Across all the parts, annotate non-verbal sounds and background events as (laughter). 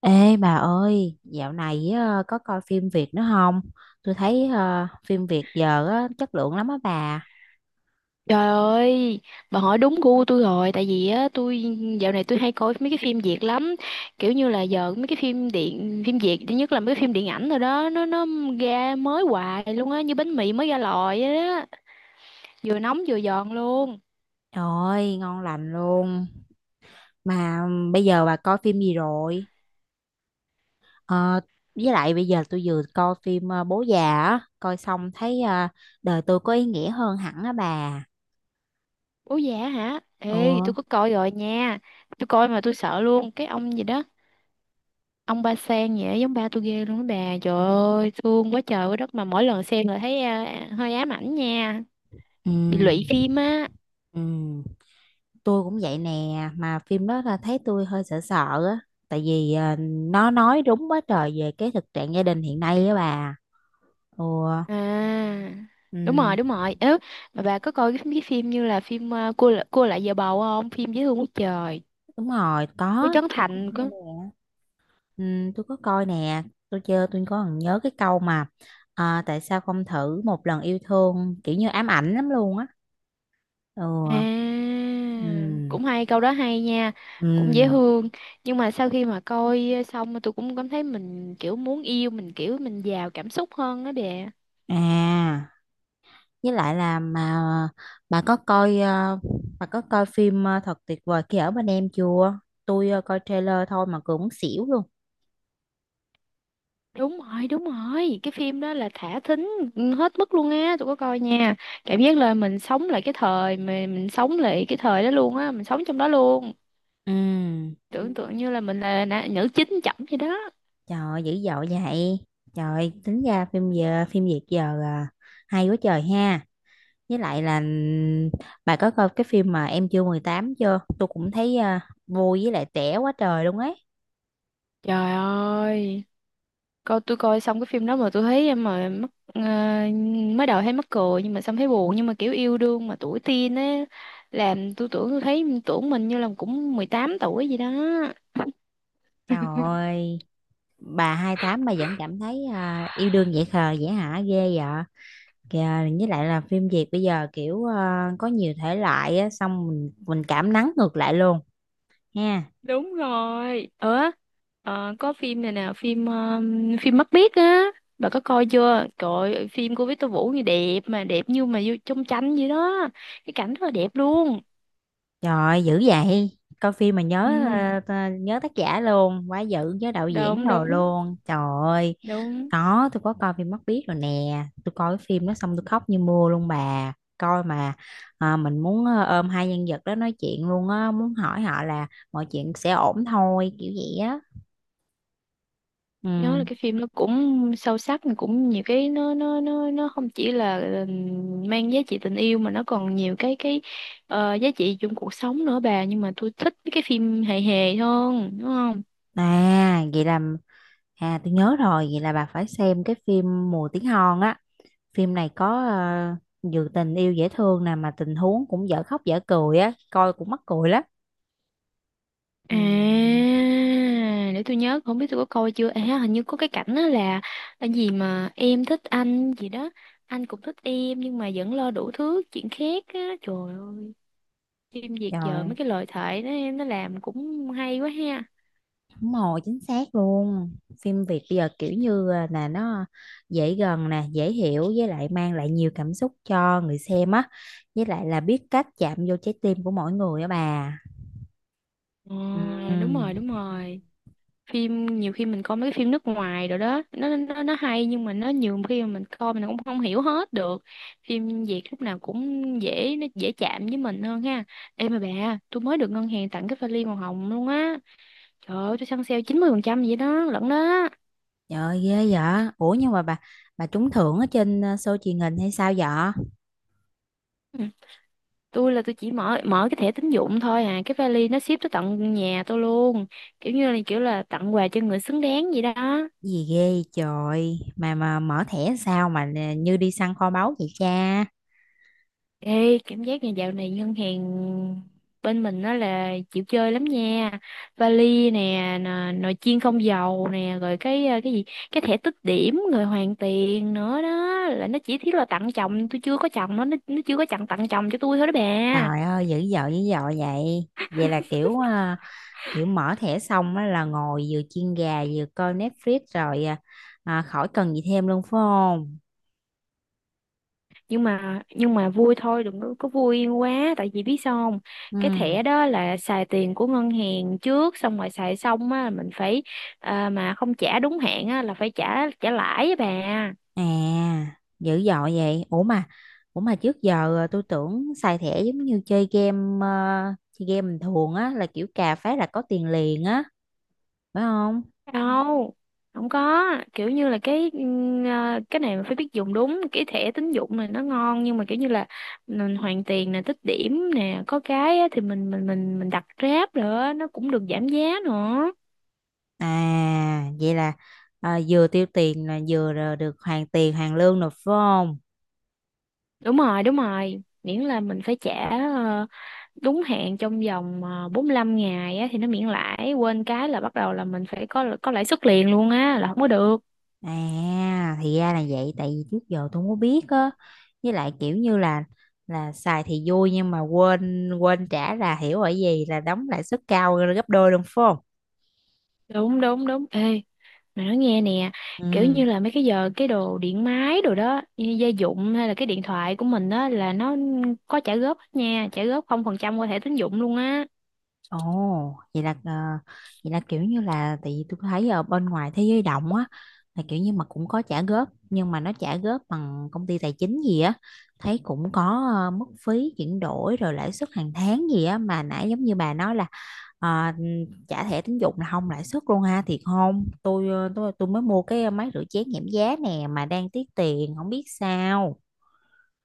Ê bà ơi, dạo này có coi phim Việt nữa không? Tôi thấy phim Việt giờ á, chất lượng lắm á bà. Trời ơi, bà hỏi đúng gu tôi rồi, tại vì á tôi dạo này hay coi mấy cái phim Việt lắm, kiểu như là giờ mấy cái phim Việt thứ nhất là mấy cái phim điện ảnh rồi đó, nó ra mới hoài luôn á, như bánh mì mới ra lò vậy đó, vừa nóng vừa giòn luôn. Trời ơi, ngon lành luôn. Mà bây giờ bà coi phim gì rồi? Ờ, với lại bây giờ tôi vừa coi phim Bố già á, coi xong thấy đời tôi có ý nghĩa hơn hẳn á bà. Ủa dạ hả? Ừ, Ê, tôi có coi rồi nha. Tôi coi mà tôi sợ luôn, cái ông gì đó, ông Ba Sen vậy giống ba tôi ghê luôn đó bà. Trời ơi, thương quá trời quá đất mà mỗi lần xem là thấy hơi ám ảnh nha, ừ, bị lụy phim á. ừ, tôi cũng vậy nè, mà phim đó là thấy tôi hơi sợ sợ á. Tại vì nó nói đúng quá trời về cái thực trạng gia đình hiện nay á bà. Ừ, À, đúng ừ, rồi, đúng rồi. Mà bà có coi cái phim như là phim cua lại giờ bầu không? Phim dễ thương quá trời. đúng rồi, Với có, Trấn tôi có Thành coi có. nè. Ừ, tôi có coi nè, tôi chơi tôi có còn nhớ cái câu mà à, tại sao không thử một lần yêu thương kiểu như ám ảnh lắm luôn á. Ừ, À, ừ, cũng hay, câu đó hay nha. Cũng dễ ừ, thương. Nhưng mà sau khi mà coi xong mà tôi cũng cảm thấy mình kiểu muốn yêu, mình kiểu mình giàu cảm xúc hơn đó đè. à, với lại là mà bà có coi ờ, bà có coi phim thật tuyệt vời khi ở bên em chưa? Tôi coi trailer thôi mà cũng muốn xỉu luôn. Đúng rồi, đúng rồi. Cái phim đó là thả thính hết mức luôn á, tôi có coi nha. Cảm giác là mình sống lại cái thời đó luôn á, mình sống trong đó luôn. Ừ. Tưởng tượng như là nữ chính chậm vậy đó. Trời ơi, dữ dội vậy. Trời, tính ra phim Việt giờ à, hay quá trời ha. Với lại là bà có coi cái phim mà Em chưa 18 chưa? Tôi cũng thấy à, vui với lại trẻ quá trời luôn ấy. Trời ơi, tôi coi xong cái phim đó mà tôi thấy mà mắc ờ, mới đầu thấy mắc cười nhưng mà xong thấy buồn, nhưng mà kiểu yêu đương mà tuổi teen á, làm tôi tưởng mình như là cũng 18 tuổi gì đó. Trời ơi, bà 28 mà vẫn cảm thấy à, yêu đương dễ khờ dễ hả ghê vậy. Kìa, với lại là phim Việt bây giờ kiểu à, có nhiều thể loại á, xong mình cảm nắng ngược lại luôn ha. Đúng rồi. Ờ, có phim này nè, phim phim Mắt Biếc á, bà có coi chưa? Trời ơi, phim của Victor Vũ như đẹp mà đẹp như mà vô trong tranh vậy đó. Cái cảnh rất là đẹp luôn. Trời dữ vậy. Coi phim mà nhớ Ừ, nhớ tác giả luôn, quá dữ nhớ đạo diễn đúng đồ đúng. luôn. Trời ơi, đúng tôi có coi phim Mắt Biếc rồi nè. Tôi coi cái phim đó xong tôi khóc như mưa luôn bà. Coi mà à, mình muốn ôm hai nhân vật đó nói chuyện luôn á, muốn hỏi họ là mọi chuyện sẽ ổn thôi, kiểu vậy á. Nhớ là Ừ. cái phim nó cũng sâu sắc mà cũng nhiều cái, nó không chỉ là mang giá trị tình yêu mà nó còn nhiều cái giá trị trong cuộc sống nữa bà, nhưng mà tôi thích mấy cái phim hề hề hơn, đúng không? À, vậy là À, tôi nhớ rồi, vậy là bà phải xem cái phim Mùa Tiếng Hòn á. Phim này có vừa tình yêu dễ thương nè mà tình huống cũng dở khóc dở cười á, coi cũng mắc cười lắm. À, Ừ. để tôi nhớ, không biết tôi có coi chưa, à hình như có cái cảnh đó là cái gì mà em thích anh gì đó, anh cũng thích em nhưng mà vẫn lo đủ thứ chuyện khác á. Trời ơi, phim Việt giờ mấy Rồi, cái lời thoại nó làm cũng hay quá ha. đúng rồi, chính xác luôn. Phim Việt bây giờ kiểu như à, là nó dễ gần nè, dễ hiểu với lại mang lại nhiều cảm xúc cho người xem á. Với lại là biết cách chạm vô trái tim của mỗi người á bà. Ờ, đúng Ừ. rồi, đúng rồi. Phim nhiều khi mình coi mấy cái phim nước ngoài rồi đó, nó hay nhưng mà nó nhiều khi mà mình coi mình cũng không hiểu hết được. Phim Việt lúc nào cũng dễ chạm với mình hơn ha. Ê mà bà, tôi mới được ngân hàng tặng cái vali màu hồng luôn á. Trời ơi, tôi săn sale 90% vậy đó lận đó. Trời ơi, ghê vậy. Ủa nhưng mà bà trúng thưởng ở trên à, show truyền hình hay sao vậy? Ừ, tôi chỉ mở mở cái thẻ tín dụng thôi à, cái vali nó ship tới tận nhà tôi luôn, kiểu như là kiểu là tặng quà cho người xứng đáng vậy đó. Gì ghê trời mà mở thẻ sao mà nè, như đi săn kho báu vậy cha. Ê, cảm giác nhà dạo này ngân hàng bên mình nó là chịu chơi lắm nha. Vali nè, nồi chiên không dầu nè, rồi cái ờ, cái gì, cái thẻ tích điểm rồi hoàn tiền nữa đó. Là nó chỉ thiết là tặng chồng, tôi chưa có chồng, nó chưa có chồng, tặng chồng cho tôi thôi đó bà. Trời ơi dữ dội vậy, vậy là kiểu à, kiểu mở thẻ xong á là ngồi vừa chiên gà vừa coi Netflix rồi khỏi cần gì thêm luôn phải không? Nhưng mà vui thôi, đừng có, có vui quá, tại vì biết sao không? Cái Ừ, thẻ đó là xài tiền của ngân hàng trước, xong rồi xài xong á mình phải, mà không trả đúng hạn á là phải trả trả lãi á bà. à, dữ dội vậy. Ủa mà trước giờ à, tôi tưởng xài thẻ giống như chơi game bình thường á là kiểu cà phát là có tiền liền á phải không? Đâu, không có, kiểu như là cái này mà phải biết dùng đúng, cái thẻ tín dụng này nó ngon, nhưng mà kiểu như là mình hoàn tiền nè, tích điểm nè, có cái á, thì mình đặt Grab nữa nó cũng được giảm giá nữa. À, vậy là Vừa tiêu tiền là vừa là được hoàn tiền, hoàn lương rồi phải không? Đúng rồi, đúng rồi, miễn là mình phải trả ờ, đúng hạn trong vòng 45 ngày á, thì nó miễn lãi, quên cái là bắt đầu là mình phải có lãi suất liền luôn á, là không có được. À, thì ra là vậy, tại vì trước giờ tôi không có biết á. Với lại kiểu như là xài thì vui nhưng mà quên quên trả là hiểu ở gì là đóng lãi suất cao gấp đôi luôn phải không? Đúng, đúng, đúng. Ê, mày nói nghe nè, kiểu Ừ. như là mấy cái giờ cái đồ điện máy đồ đó, như gia dụng hay là cái điện thoại của mình đó, là nó có trả góp hết nha, trả góp 0% qua thẻ tín dụng luôn á. Ồ, vậy là ờ, vậy là kiểu như là tại vì tôi thấy ở bên ngoài thế giới động á là kiểu như mà cũng có trả góp nhưng mà nó trả góp bằng công ty tài chính gì á, thấy cũng có mức phí chuyển đổi rồi lãi suất hàng tháng gì á mà nãy giống như bà nói là ờ, trả thẻ tín dụng là không lãi suất luôn ha, thiệt không? Tôi ờ, tôi tôi mới mua cái máy rửa chén giảm giá nè mà đang tiếc tiền không biết sao.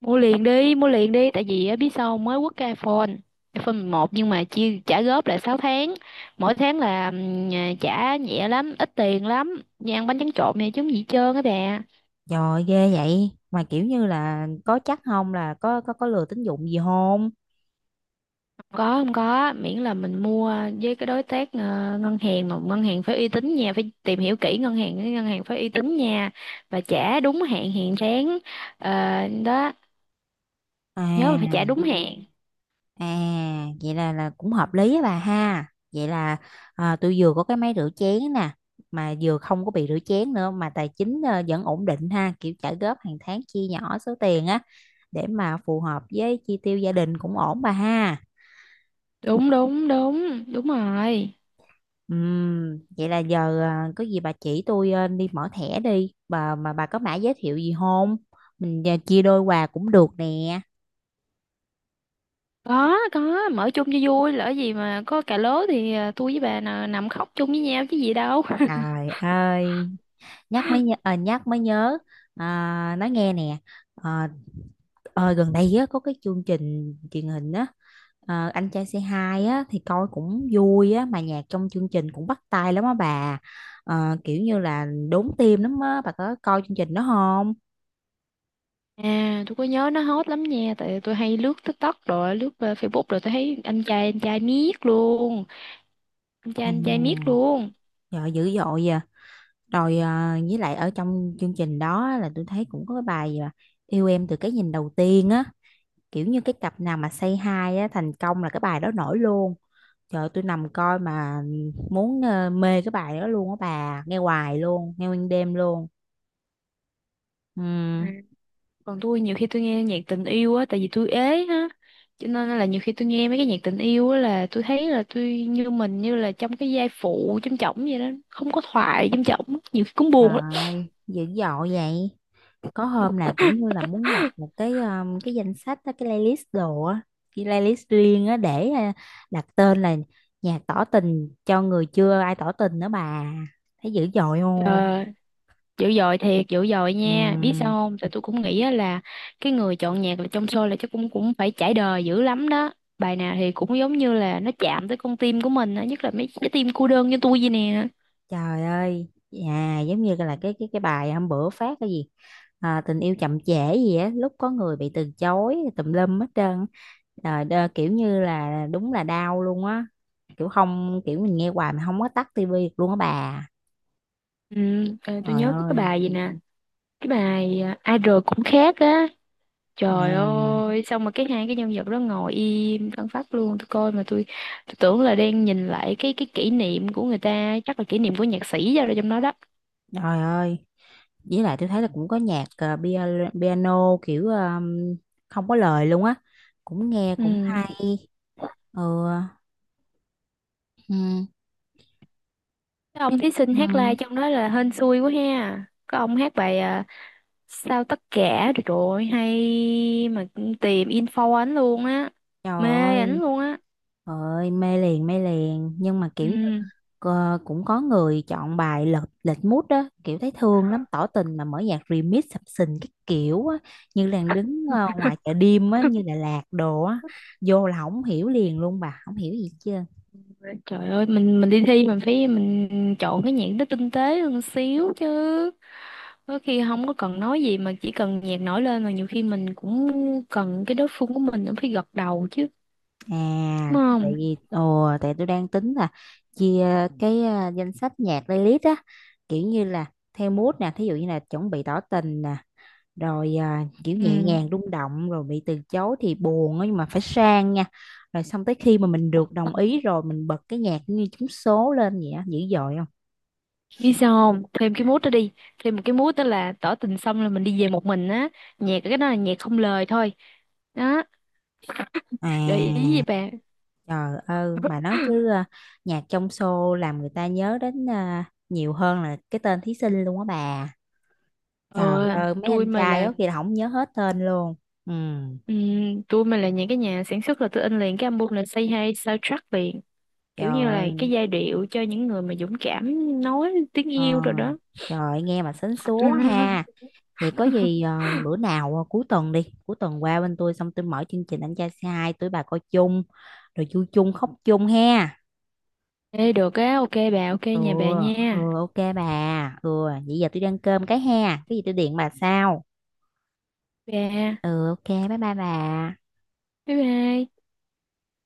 Mua liền đi, tại vì á, biết sao không? Mới quất cái iPhone, iPhone 11, nhưng mà chia trả góp là 6 tháng, mỗi tháng là trả nhẹ lắm, ít tiền lắm, như ăn bánh tráng trộn này chứ không gì hết trơn á bà. Trời ghê vậy mà kiểu như là có chắc không là có lừa tín dụng gì không? Có, không có, miễn là mình mua với cái đối tác ngân hàng, mà ngân hàng phải uy tín nha, phải tìm hiểu kỹ ngân hàng, cái ngân hàng phải uy tín nha, và trả đúng hạn hàng tháng. Ờ, đó, nhớ là phải trả à đúng hạn. À, vậy là cũng hợp lý á bà ha. Vậy là à, tôi vừa có cái máy rửa chén nè, mà vừa không có bị rửa chén nữa mà tài chính vẫn ổn định ha, kiểu trả góp hàng tháng chia nhỏ số tiền á để mà phù hợp với chi tiêu gia đình cũng ổn bà ha. Đúng, đúng, đúng, đúng rồi. Vậy là giờ à, có gì bà chỉ tôi đi mở thẻ đi, bà mà bà có mã giới thiệu gì không? Mình chia đôi quà cũng được nè. Có, mở chung cho vui, lỡ gì mà có cà lố thì tôi với bà nè, nằm khóc chung với nhau chứ gì đâu. (laughs) Trời ơi, nhắc mới nhớ. À, nói nghe nè. Ờ, Ờ, Gần đây á, có cái chương trình truyền hình á Anh trai C2 á, thì coi cũng vui á mà nhạc trong chương trình cũng bắt tai lắm á bà. Kiểu như là đốn tim lắm á bà, có coi chương trình đó không? À, tôi có nhớ, nó hot lắm nha, tại tôi hay lướt TikTok rồi lướt Facebook, rồi tôi thấy anh trai miết luôn, À, anh trai miết luôn. trời dữ dội vậy. Rồi với lại ở trong chương trình đó á, là tôi thấy cũng có cái bài à, yêu em từ cái nhìn đầu tiên á, kiểu như cái cặp nào mà say hi á thành công là cái bài đó nổi luôn. Trời ơi, tôi nằm coi mà muốn mê cái bài đó luôn á bà, nghe hoài luôn, nghe nguyên đêm luôn. Ừm, Còn tôi nhiều khi tôi nghe nhạc tình yêu á, tại vì tôi ế á, cho nên là nhiều khi tôi nghe mấy cái nhạc tình yêu á là tôi thấy là tôi như là trong cái giai phụ trong chổng vậy đó, không có thoại trong chổng nhiều khi cũng Trời buồn lắm. ơi, dữ dội vậy. Có hôm là kiểu như là muốn lập một cái danh sách á, cái playlist đồ á, cái playlist riêng á để đặt tên là nhạc tỏ tình cho người chưa ai tỏ tình nữa bà. Thấy dữ dội Ờ, không? dữ dội thiệt, dữ dội nha. Biết sao Ừm. không, tại tôi cũng nghĩ á là cái người chọn nhạc là trong show là chắc cũng cũng phải trải đời dữ lắm đó. Bài nào thì cũng giống như là nó chạm tới con tim của mình á, nhất là mấy cái tim cô đơn như tôi vậy nè. Trời ơi, à, giống như là cái bài hôm bữa phát cái gì à, tình yêu chậm trễ gì á, lúc có người bị từ chối tùm lum hết trơn á. Trời đơ, kiểu như là đúng là đau luôn á. Kiểu không kiểu mình nghe hoài mà không có tắt tivi được luôn á bà. Ừ, ờ, tôi Trời nhớ có cái ơi. bài gì nè, cái bài idol cũng khác á. Trời À, ơi, xong mà hai cái nhân vật đó ngồi im phăng phắc luôn, tôi coi mà tôi tưởng là đang nhìn lại cái kỷ niệm của người ta, chắc là kỷ niệm của nhạc sĩ ra rồi trong đó đó. trời ơi. Với lại tôi thấy là cũng có nhạc piano kiểu không có lời luôn á. Cũng nghe Ừ. cũng hay. Ừ. Ừ. Cái Chứ- ông thí sinh Ừ. hát live trong đó là hên xui quá ha. Có ông hát bài Sao tất cả rồi, trời ơi, hay mà tìm info ảnh luôn á. Trời Mê ơi. ảnh luôn á. Ơi mê liền nhưng mà kiểu như Ừ. Cũng có người chọn bài lệch lệch mood đó, kiểu thấy thương lắm tỏ tình mà mở nhạc remix sập sình cái kiểu á, như là đứng ngoài chợ đêm á như Đà Lạt đồ á, vô là không hiểu liền luôn bà, không hiểu gì chưa? Trời ơi, mình đi thi mình phải mình chọn cái nhạc nó tinh tế hơn xíu chứ. Có khi không có cần nói gì mà chỉ cần nhạc nổi lên, mà nhiều khi mình cũng cần cái đối phương của mình cũng phải gật đầu chứ, đúng À, tại không? vì ồ tại tôi đang tính là chia cái danh sách nhạc playlist á, kiểu như là theo mood nè, thí dụ như là chuẩn bị tỏ tình nè, rồi à, kiểu nhẹ Ừ. nhàng rung động, rồi bị từ chối thì buồn á, nhưng mà phải sang nha, rồi xong tới khi mà mình được đồng ý rồi mình bật cái nhạc như trúng số lên vậy á, dữ dội không? Biết sao không? Thêm cái mút đó đi. Thêm một cái mút đó là tỏ tình xong là mình đi về một mình á. Nhạc cái đó là nhạc không lời thôi. Đó, À, gợi ý gì bà? trời ơi bà nói chứ à, nhạc trong show làm người ta nhớ đến à, nhiều hơn là cái tên thí sinh luôn á bà. Ờ, Trời ơi mấy tôi anh mà trai là đó kìa là không nhớ hết tên luôn. Ừ. Tôi mà là những cái nhà sản xuất là tôi in liền cái album là Say Hi soundtrack liền, trời kiểu như là cái ơi, giai điệu cho những người mà dũng cảm nói tiếng ờ, yêu rồi đó. Trời ơi, nghe mà sến súa ha. (laughs) Vậy có gì bữa nào cuối tuần qua bên tôi xong tôi mở chương trình anh trai C2 tôi bà coi chung, rồi vui chung khóc chung ha. Ê được á, ok bà, ok Ừ, nhà bà nha ừ ok bà. Ừ, vậy giờ tôi đi ăn cơm cái ha. Cái gì tôi điện bà sau. bà. Ừ ok, bye bye bà. Bye bye.